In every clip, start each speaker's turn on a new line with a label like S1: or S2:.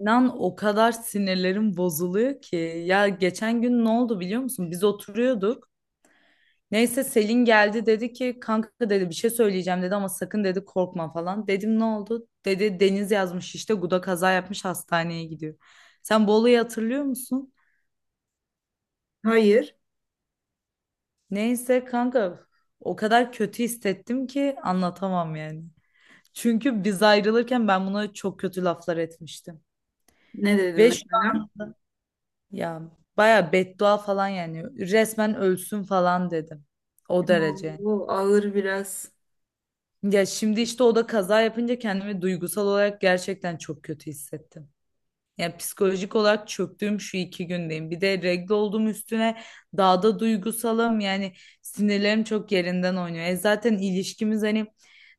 S1: İnan o kadar sinirlerim bozuluyor ki. Ya geçen gün ne oldu biliyor musun? Biz oturuyorduk. Neyse Selin geldi dedi ki kanka dedi bir şey söyleyeceğim dedi ama sakın dedi korkma falan. Dedim ne oldu? Dedi Deniz yazmış işte Guda kaza yapmış hastaneye gidiyor. Sen bu olayı hatırlıyor musun?
S2: Hayır.
S1: Neyse kanka o kadar kötü hissettim ki anlatamam yani. Çünkü biz ayrılırken ben buna çok kötü laflar etmiştim.
S2: Ne dedim
S1: Ve
S2: mesela?
S1: ya baya beddua falan yani resmen ölsün falan dedim. O derece.
S2: Bu ağır biraz.
S1: Ya şimdi işte o da kaza yapınca kendimi duygusal olarak gerçekten çok kötü hissettim. Yani psikolojik olarak çöktüğüm şu iki gündeyim. Bir de regle olduğum üstüne daha da duygusalım. Yani sinirlerim çok yerinden oynuyor. E zaten ilişkimiz hani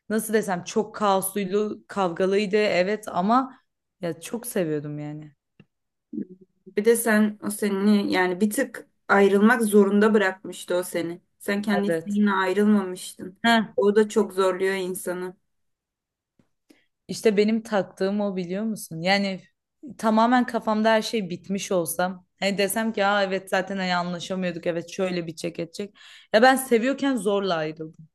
S1: nasıl desem çok kaosluydu, kavgalıydı, evet, ama ya çok seviyordum yani.
S2: Bir de sen o seni yani bir tık ayrılmak zorunda bırakmıştı o seni. Sen kendi
S1: Evet.
S2: isteğinle ayrılmamıştın.
S1: Heh.
S2: O da çok zorluyor insanı.
S1: İşte benim taktığım o, biliyor musun? Yani tamamen kafamda her şey bitmiş olsam. Hani desem ki aa, evet, zaten hani anlaşamıyorduk, evet, şöyle bitecek edecek. Ya ben seviyorken zorla ayrıldım.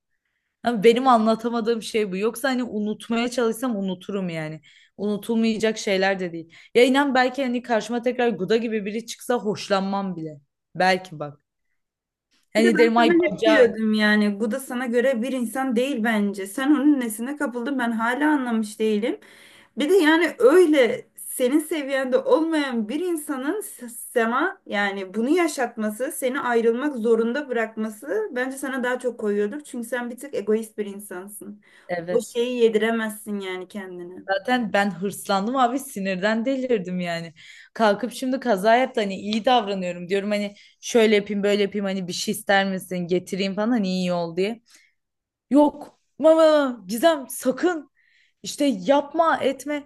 S1: Ama benim anlatamadığım şey bu. Yoksa hani unutmaya çalışsam unuturum yani. Unutulmayacak şeyler de değil. Ya inan belki hani karşıma tekrar Guda gibi biri çıksa hoşlanmam bile. Belki bak.
S2: Bir de
S1: Hani
S2: ben
S1: derim ay
S2: sana hep
S1: bacağı.
S2: diyordum yani bu da sana göre bir insan değil bence. Sen onun nesine kapıldın ben hala anlamış değilim. Bir de yani öyle senin seviyende olmayan bir insanın sana yani bunu yaşatması, seni ayrılmak zorunda bırakması bence sana daha çok koyuyordur. Çünkü sen bir tık egoist bir insansın. O
S1: Evet.
S2: şeyi yediremezsin yani kendine.
S1: Zaten ben hırslandım abi, sinirden delirdim yani. Kalkıp şimdi kaza yaptı, hani iyi davranıyorum diyorum, hani şöyle yapayım böyle yapayım, hani bir şey ister misin getireyim falan, hani iyi ol diye. Yok mama Gizem, sakın işte yapma etme,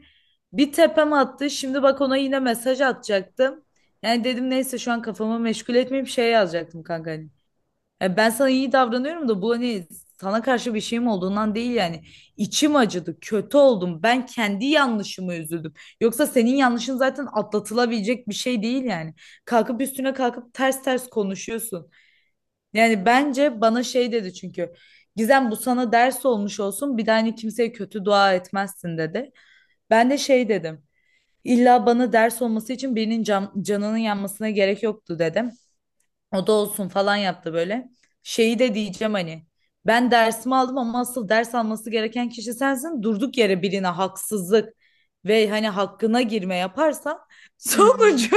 S1: bir tepem attı, şimdi bak ona yine mesaj atacaktım. Yani dedim neyse şu an kafamı meşgul etmeyeyim, şey yazacaktım kanka hani. Ya ben sana iyi davranıyorum da bu hani sana karşı bir şeyim olduğundan değil yani. İçim acıdı, kötü oldum. Ben kendi yanlışımı üzüldüm. Yoksa senin yanlışın zaten atlatılabilecek bir şey değil yani. Kalkıp üstüne kalkıp ters ters konuşuyorsun. Yani bence bana şey dedi, çünkü. Gizem, bu sana ders olmuş olsun. Bir daha hani kimseye kötü dua etmezsin, dedi. Ben de şey dedim. İlla bana ders olması için birinin canının yanmasına gerek yoktu, dedim. O da olsun falan yaptı böyle. Şeyi de diyeceğim hani. Ben dersimi aldım ama asıl ders alması gereken kişi sensin. Durduk yere birine haksızlık ve hani hakkına girme yaparsan
S2: Hı.
S1: sonucu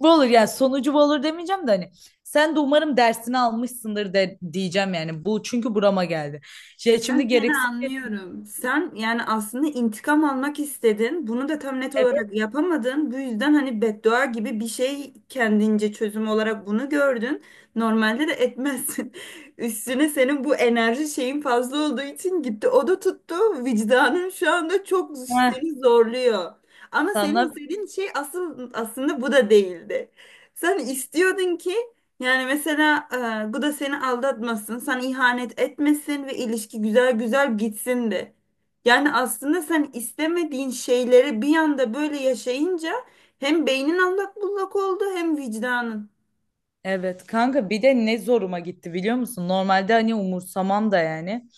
S1: bu olur. Yani sonucu bu olur demeyeceğim de hani sen de umarım dersini almışsındır de diyeceğim yani. Bu çünkü burama geldi. Şey, şimdi
S2: Ben seni
S1: gereksiz bir
S2: anlıyorum. Sen yani aslında intikam almak istedin. Bunu da tam net
S1: evet,
S2: olarak yapamadın. Bu yüzden hani beddua gibi bir şey kendince çözüm olarak bunu gördün. Normalde de etmezsin. Üstüne senin bu enerji şeyin fazla olduğu için gitti. O da tuttu. Vicdanın şu anda çok
S1: ha,
S2: seni zorluyor. Ama senin
S1: sana
S2: istediğin şey asıl aslında bu da değildi. Sen istiyordun ki yani mesela bu da seni aldatmasın, sana ihanet etmesin ve ilişki güzel güzel gitsin de. Yani aslında sen istemediğin şeyleri bir anda böyle yaşayınca hem beynin allak bullak oldu hem vicdanın.
S1: evet kanka, bir de ne zoruma gitti biliyor musun? Normalde hani umursamam da yani.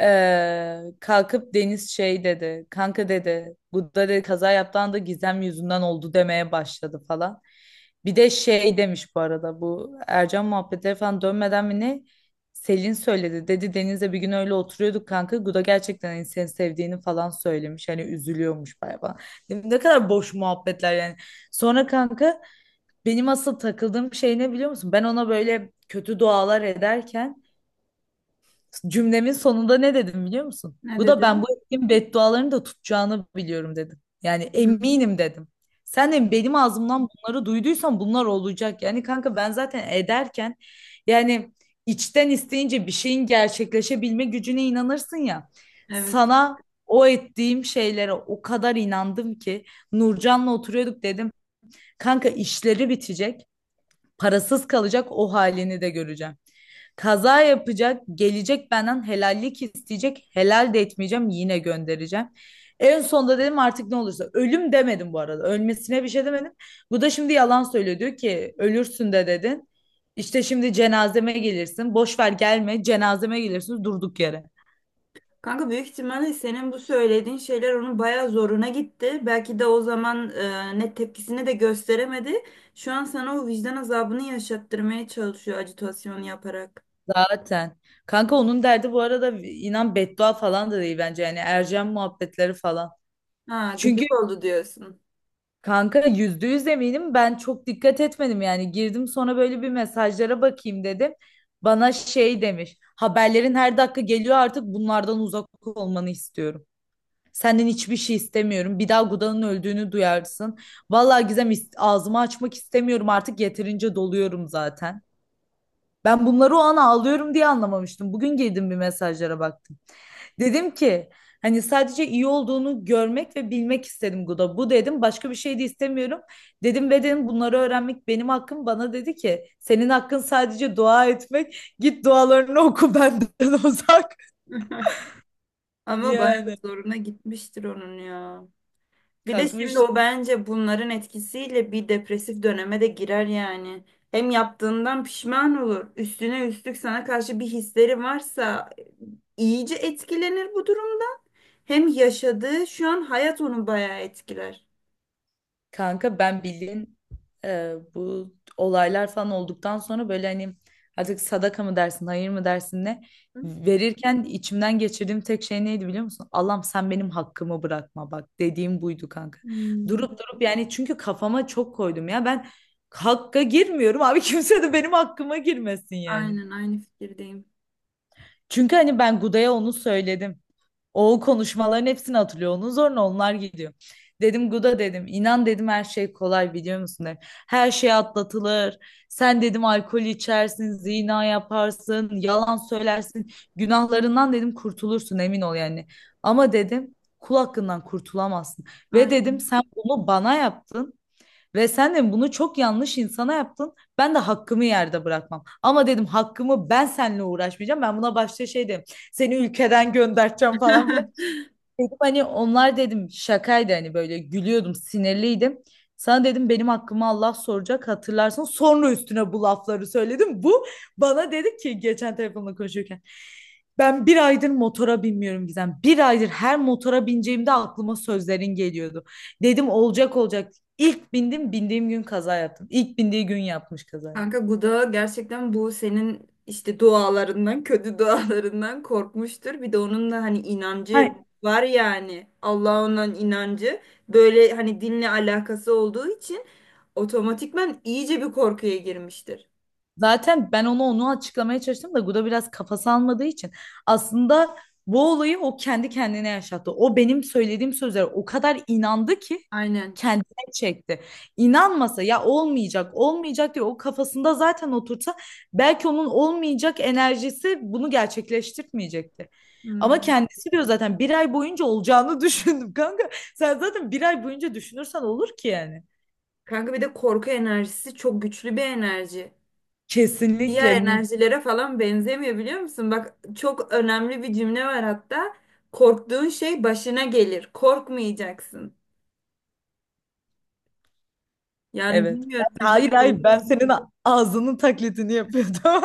S1: Kalkıp Deniz şey dedi. Kanka dedi. Bu da dedi, kaza yaptığı da Gizem yüzünden oldu demeye başladı falan. Bir de şey demiş bu arada, bu Ercan muhabbetleri falan dönmeden mi ne? Selin söyledi. Dedi Deniz'le bir gün öyle oturuyorduk kanka. Guda gerçekten hani seni sevdiğini falan söylemiş. Hani üzülüyormuş bayağı falan. Dedim, ne kadar boş muhabbetler yani. Sonra kanka benim asıl takıldığım şey ne, biliyor musun? Ben ona böyle kötü dualar ederken cümlemin sonunda ne dedim, biliyor musun?
S2: Ne
S1: Bu da ben bu
S2: dedin?
S1: ettiğim beddualarını da tutacağını biliyorum dedim. Yani
S2: Hı.
S1: eminim dedim. Sen de benim ağzımdan bunları duyduysan bunlar olacak. Yani kanka ben zaten ederken, yani, içten isteyince bir şeyin gerçekleşebilme gücüne inanırsın ya.
S2: Evet.
S1: Sana o ettiğim şeylere o kadar inandım ki Nurcan'la oturuyorduk dedim. Kanka işleri bitecek, parasız kalacak, o halini de göreceğim. Kaza yapacak, gelecek benden helallik isteyecek, helal de etmeyeceğim, yine göndereceğim. En sonunda dedim artık ne olursa. Ölüm demedim bu arada. Ölmesine bir şey demedim. Bu da şimdi yalan söylüyor. Diyor ki ölürsün de dedin. İşte şimdi cenazeme gelirsin. Boş ver gelme. Cenazeme gelirsin durduk yere.
S2: Kanka büyük ihtimalle senin bu söylediğin şeyler onun bayağı zoruna gitti. Belki de o zaman net tepkisini de gösteremedi. Şu an sana o vicdan azabını yaşattırmaya çalışıyor ajitasyon yaparak.
S1: Zaten. Kanka onun derdi bu arada, inan, beddua falan da değil bence. Yani Ercan muhabbetleri falan.
S2: Ha,
S1: Çünkü
S2: gıcık oldu diyorsun.
S1: kanka yüzde yüz eminim, ben çok dikkat etmedim yani, girdim sonra böyle bir mesajlara bakayım dedim. Bana şey demiş, haberlerin her dakika geliyor, artık bunlardan uzak olmanı istiyorum. Senden hiçbir şey istemiyorum. Bir daha Guda'nın öldüğünü duyarsın. Vallahi Gizem, ağzımı açmak istemiyorum artık, yeterince doluyorum zaten. Ben bunları o an ağlıyorum diye anlamamıştım. Bugün girdim bir mesajlara baktım. Dedim ki hani sadece iyi olduğunu görmek ve bilmek istedim Guda. Bu dedim, başka bir şey de istemiyorum. Dedim ve dedim bunları öğrenmek benim hakkım. Bana dedi ki senin hakkın sadece dua etmek. Git dualarını oku benden uzak.
S2: Ama bayağı
S1: Yani
S2: zoruna gitmiştir onun ya. Bir de şimdi
S1: kalkmış.
S2: o bence bunların etkisiyle bir depresif döneme de girer yani. Hem yaptığından pişman olur. Üstüne üstlük sana karşı bir hisleri varsa iyice etkilenir bu durumda. Hem yaşadığı şu an hayat onu bayağı etkiler.
S1: Kanka ben bildiğin bu olaylar falan olduktan sonra böyle hani artık sadaka mı dersin, hayır mı dersin, ne verirken içimden geçirdiğim tek şey neydi biliyor musun? Allah'ım sen benim hakkımı bırakma, bak dediğim buydu kanka. Durup
S2: Hmm,
S1: durup yani, çünkü kafama çok koydum ya, ben hakka girmiyorum abi, kimse de benim hakkıma girmesin yani.
S2: aynen aynı fikirdeyim.
S1: Çünkü hani ben Guda'ya onu söyledim. O konuşmaların hepsini hatırlıyor. Onun zoruna onlar gidiyor. Dedim Guda dedim, inan dedim her şey kolay biliyor musun dedim. Her şey atlatılır. Sen dedim alkol içersin, zina yaparsın, yalan söylersin. Günahlarından dedim kurtulursun, emin ol yani. Ama dedim kul hakkından kurtulamazsın. Ve dedim sen bunu bana yaptın. Ve sen de bunu çok yanlış insana yaptın. Ben de hakkımı yerde bırakmam. Ama dedim hakkımı ben seninle uğraşmayacağım. Ben buna başta şey dedim. Seni ülkeden göndereceğim falan filan. Dedim hani onlar dedim şakaydı, hani böyle gülüyordum, sinirliydim. Sana dedim benim hakkımı Allah soracak, hatırlarsın. Sonra üstüne bu lafları söyledim. Bu bana dedi ki geçen telefonla konuşurken, ben bir aydır motora binmiyorum Gizem. Bir aydır her motora bineceğimde aklıma sözlerin geliyordu. Dedim olacak olacak. İlk bindim, bindiğim gün kaza yaptım. İlk bindiği gün yapmış kazayı.
S2: Kanka Guda gerçekten bu senin işte dualarından, kötü dualarından korkmuştur. Bir de onun da hani
S1: Hayır.
S2: inancı var yani. Allah'a olan inancı böyle hani dinle alakası olduğu için otomatikman iyice bir korkuya girmiştir.
S1: Zaten ben onu açıklamaya çalıştım da Guda biraz kafası almadığı için, aslında bu olayı o kendi kendine yaşattı. O benim söylediğim sözlere o kadar inandı ki
S2: Aynen.
S1: kendine çekti. İnanmasa ya olmayacak, olmayacak diye o kafasında zaten otursa, belki onun olmayacak enerjisi bunu gerçekleştirmeyecekti. Ama
S2: Hmm.
S1: kendisi diyor zaten bir ay boyunca olacağını düşündüm kanka. Sen zaten bir ay boyunca düşünürsen olur ki yani.
S2: Kanka bir de korku enerjisi çok güçlü bir enerji. Diğer
S1: Kesinlikle.
S2: enerjilere falan benzemiyor biliyor musun? Bak çok önemli bir cümle var hatta. Korktuğun şey başına gelir. Korkmayacaksın. Yani
S1: Evet.
S2: bilmiyorum o
S1: Hayır,
S2: yüzden
S1: hayır, ben
S2: korku
S1: senin ağzının taklidini yapıyordum.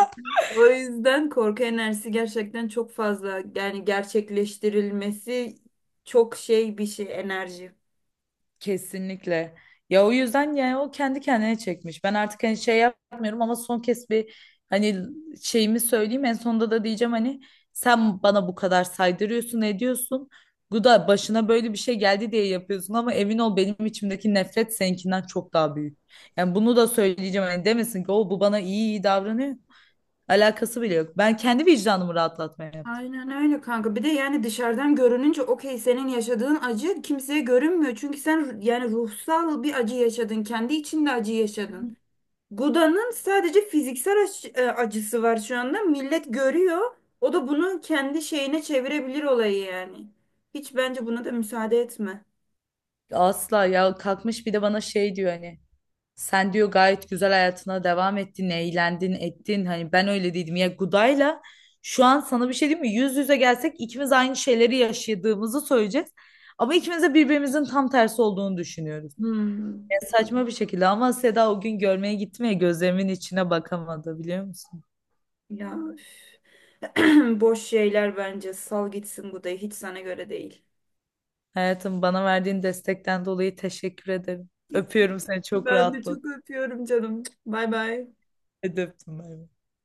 S2: o yüzden korku enerjisi gerçekten çok fazla yani gerçekleştirilmesi çok şey bir şey enerji.
S1: Kesinlikle. Ya o yüzden yani o kendi kendine çekmiş. Ben artık hani şey yapmıyorum ama son kez bir, hani, şeyimi söyleyeyim. En sonunda da diyeceğim hani sen bana bu kadar saydırıyorsun, ediyorsun. Bu da başına böyle bir şey geldi diye yapıyorsun ama emin ol benim içimdeki nefret seninkinden çok daha büyük. Yani bunu da söyleyeceğim, hani demesin ki o bu bana iyi iyi davranıyor. Alakası bile yok. Ben kendi vicdanımı rahatlatmaya yaptım.
S2: Aynen öyle kanka. Bir de yani dışarıdan görününce okey senin yaşadığın acı kimseye görünmüyor. Çünkü sen yani ruhsal bir acı yaşadın. Kendi içinde acı yaşadın. Guda'nın sadece fiziksel acısı var şu anda. Millet görüyor. O da bunu kendi şeyine çevirebilir olayı yani. Hiç bence buna da müsaade etme.
S1: Asla. Ya kalkmış bir de bana şey diyor, hani sen diyor gayet güzel hayatına devam ettin, eğlendin, ettin. Hani ben öyle dedim ya Guda'yla, şu an sana bir şey diyeyim mi? Yüz yüze gelsek ikimiz aynı şeyleri yaşadığımızı söyleyeceğiz. Ama ikimiz de birbirimizin tam tersi olduğunu düşünüyoruz.
S2: Hmm.
S1: Ya saçma bir şekilde ama Seda o gün görmeye gitti mi ya, gözlerimin içine bakamadı biliyor musun?
S2: Ya üf. Boş şeyler bence. Sal gitsin bu da hiç sana göre değil.
S1: Hayatım, bana verdiğin destekten dolayı teşekkür ederim. Öpüyorum seni, çok
S2: Ben de
S1: rahatladım.
S2: çok öpüyorum canım. Bay bay.
S1: Hadi öptüm. Bay bay.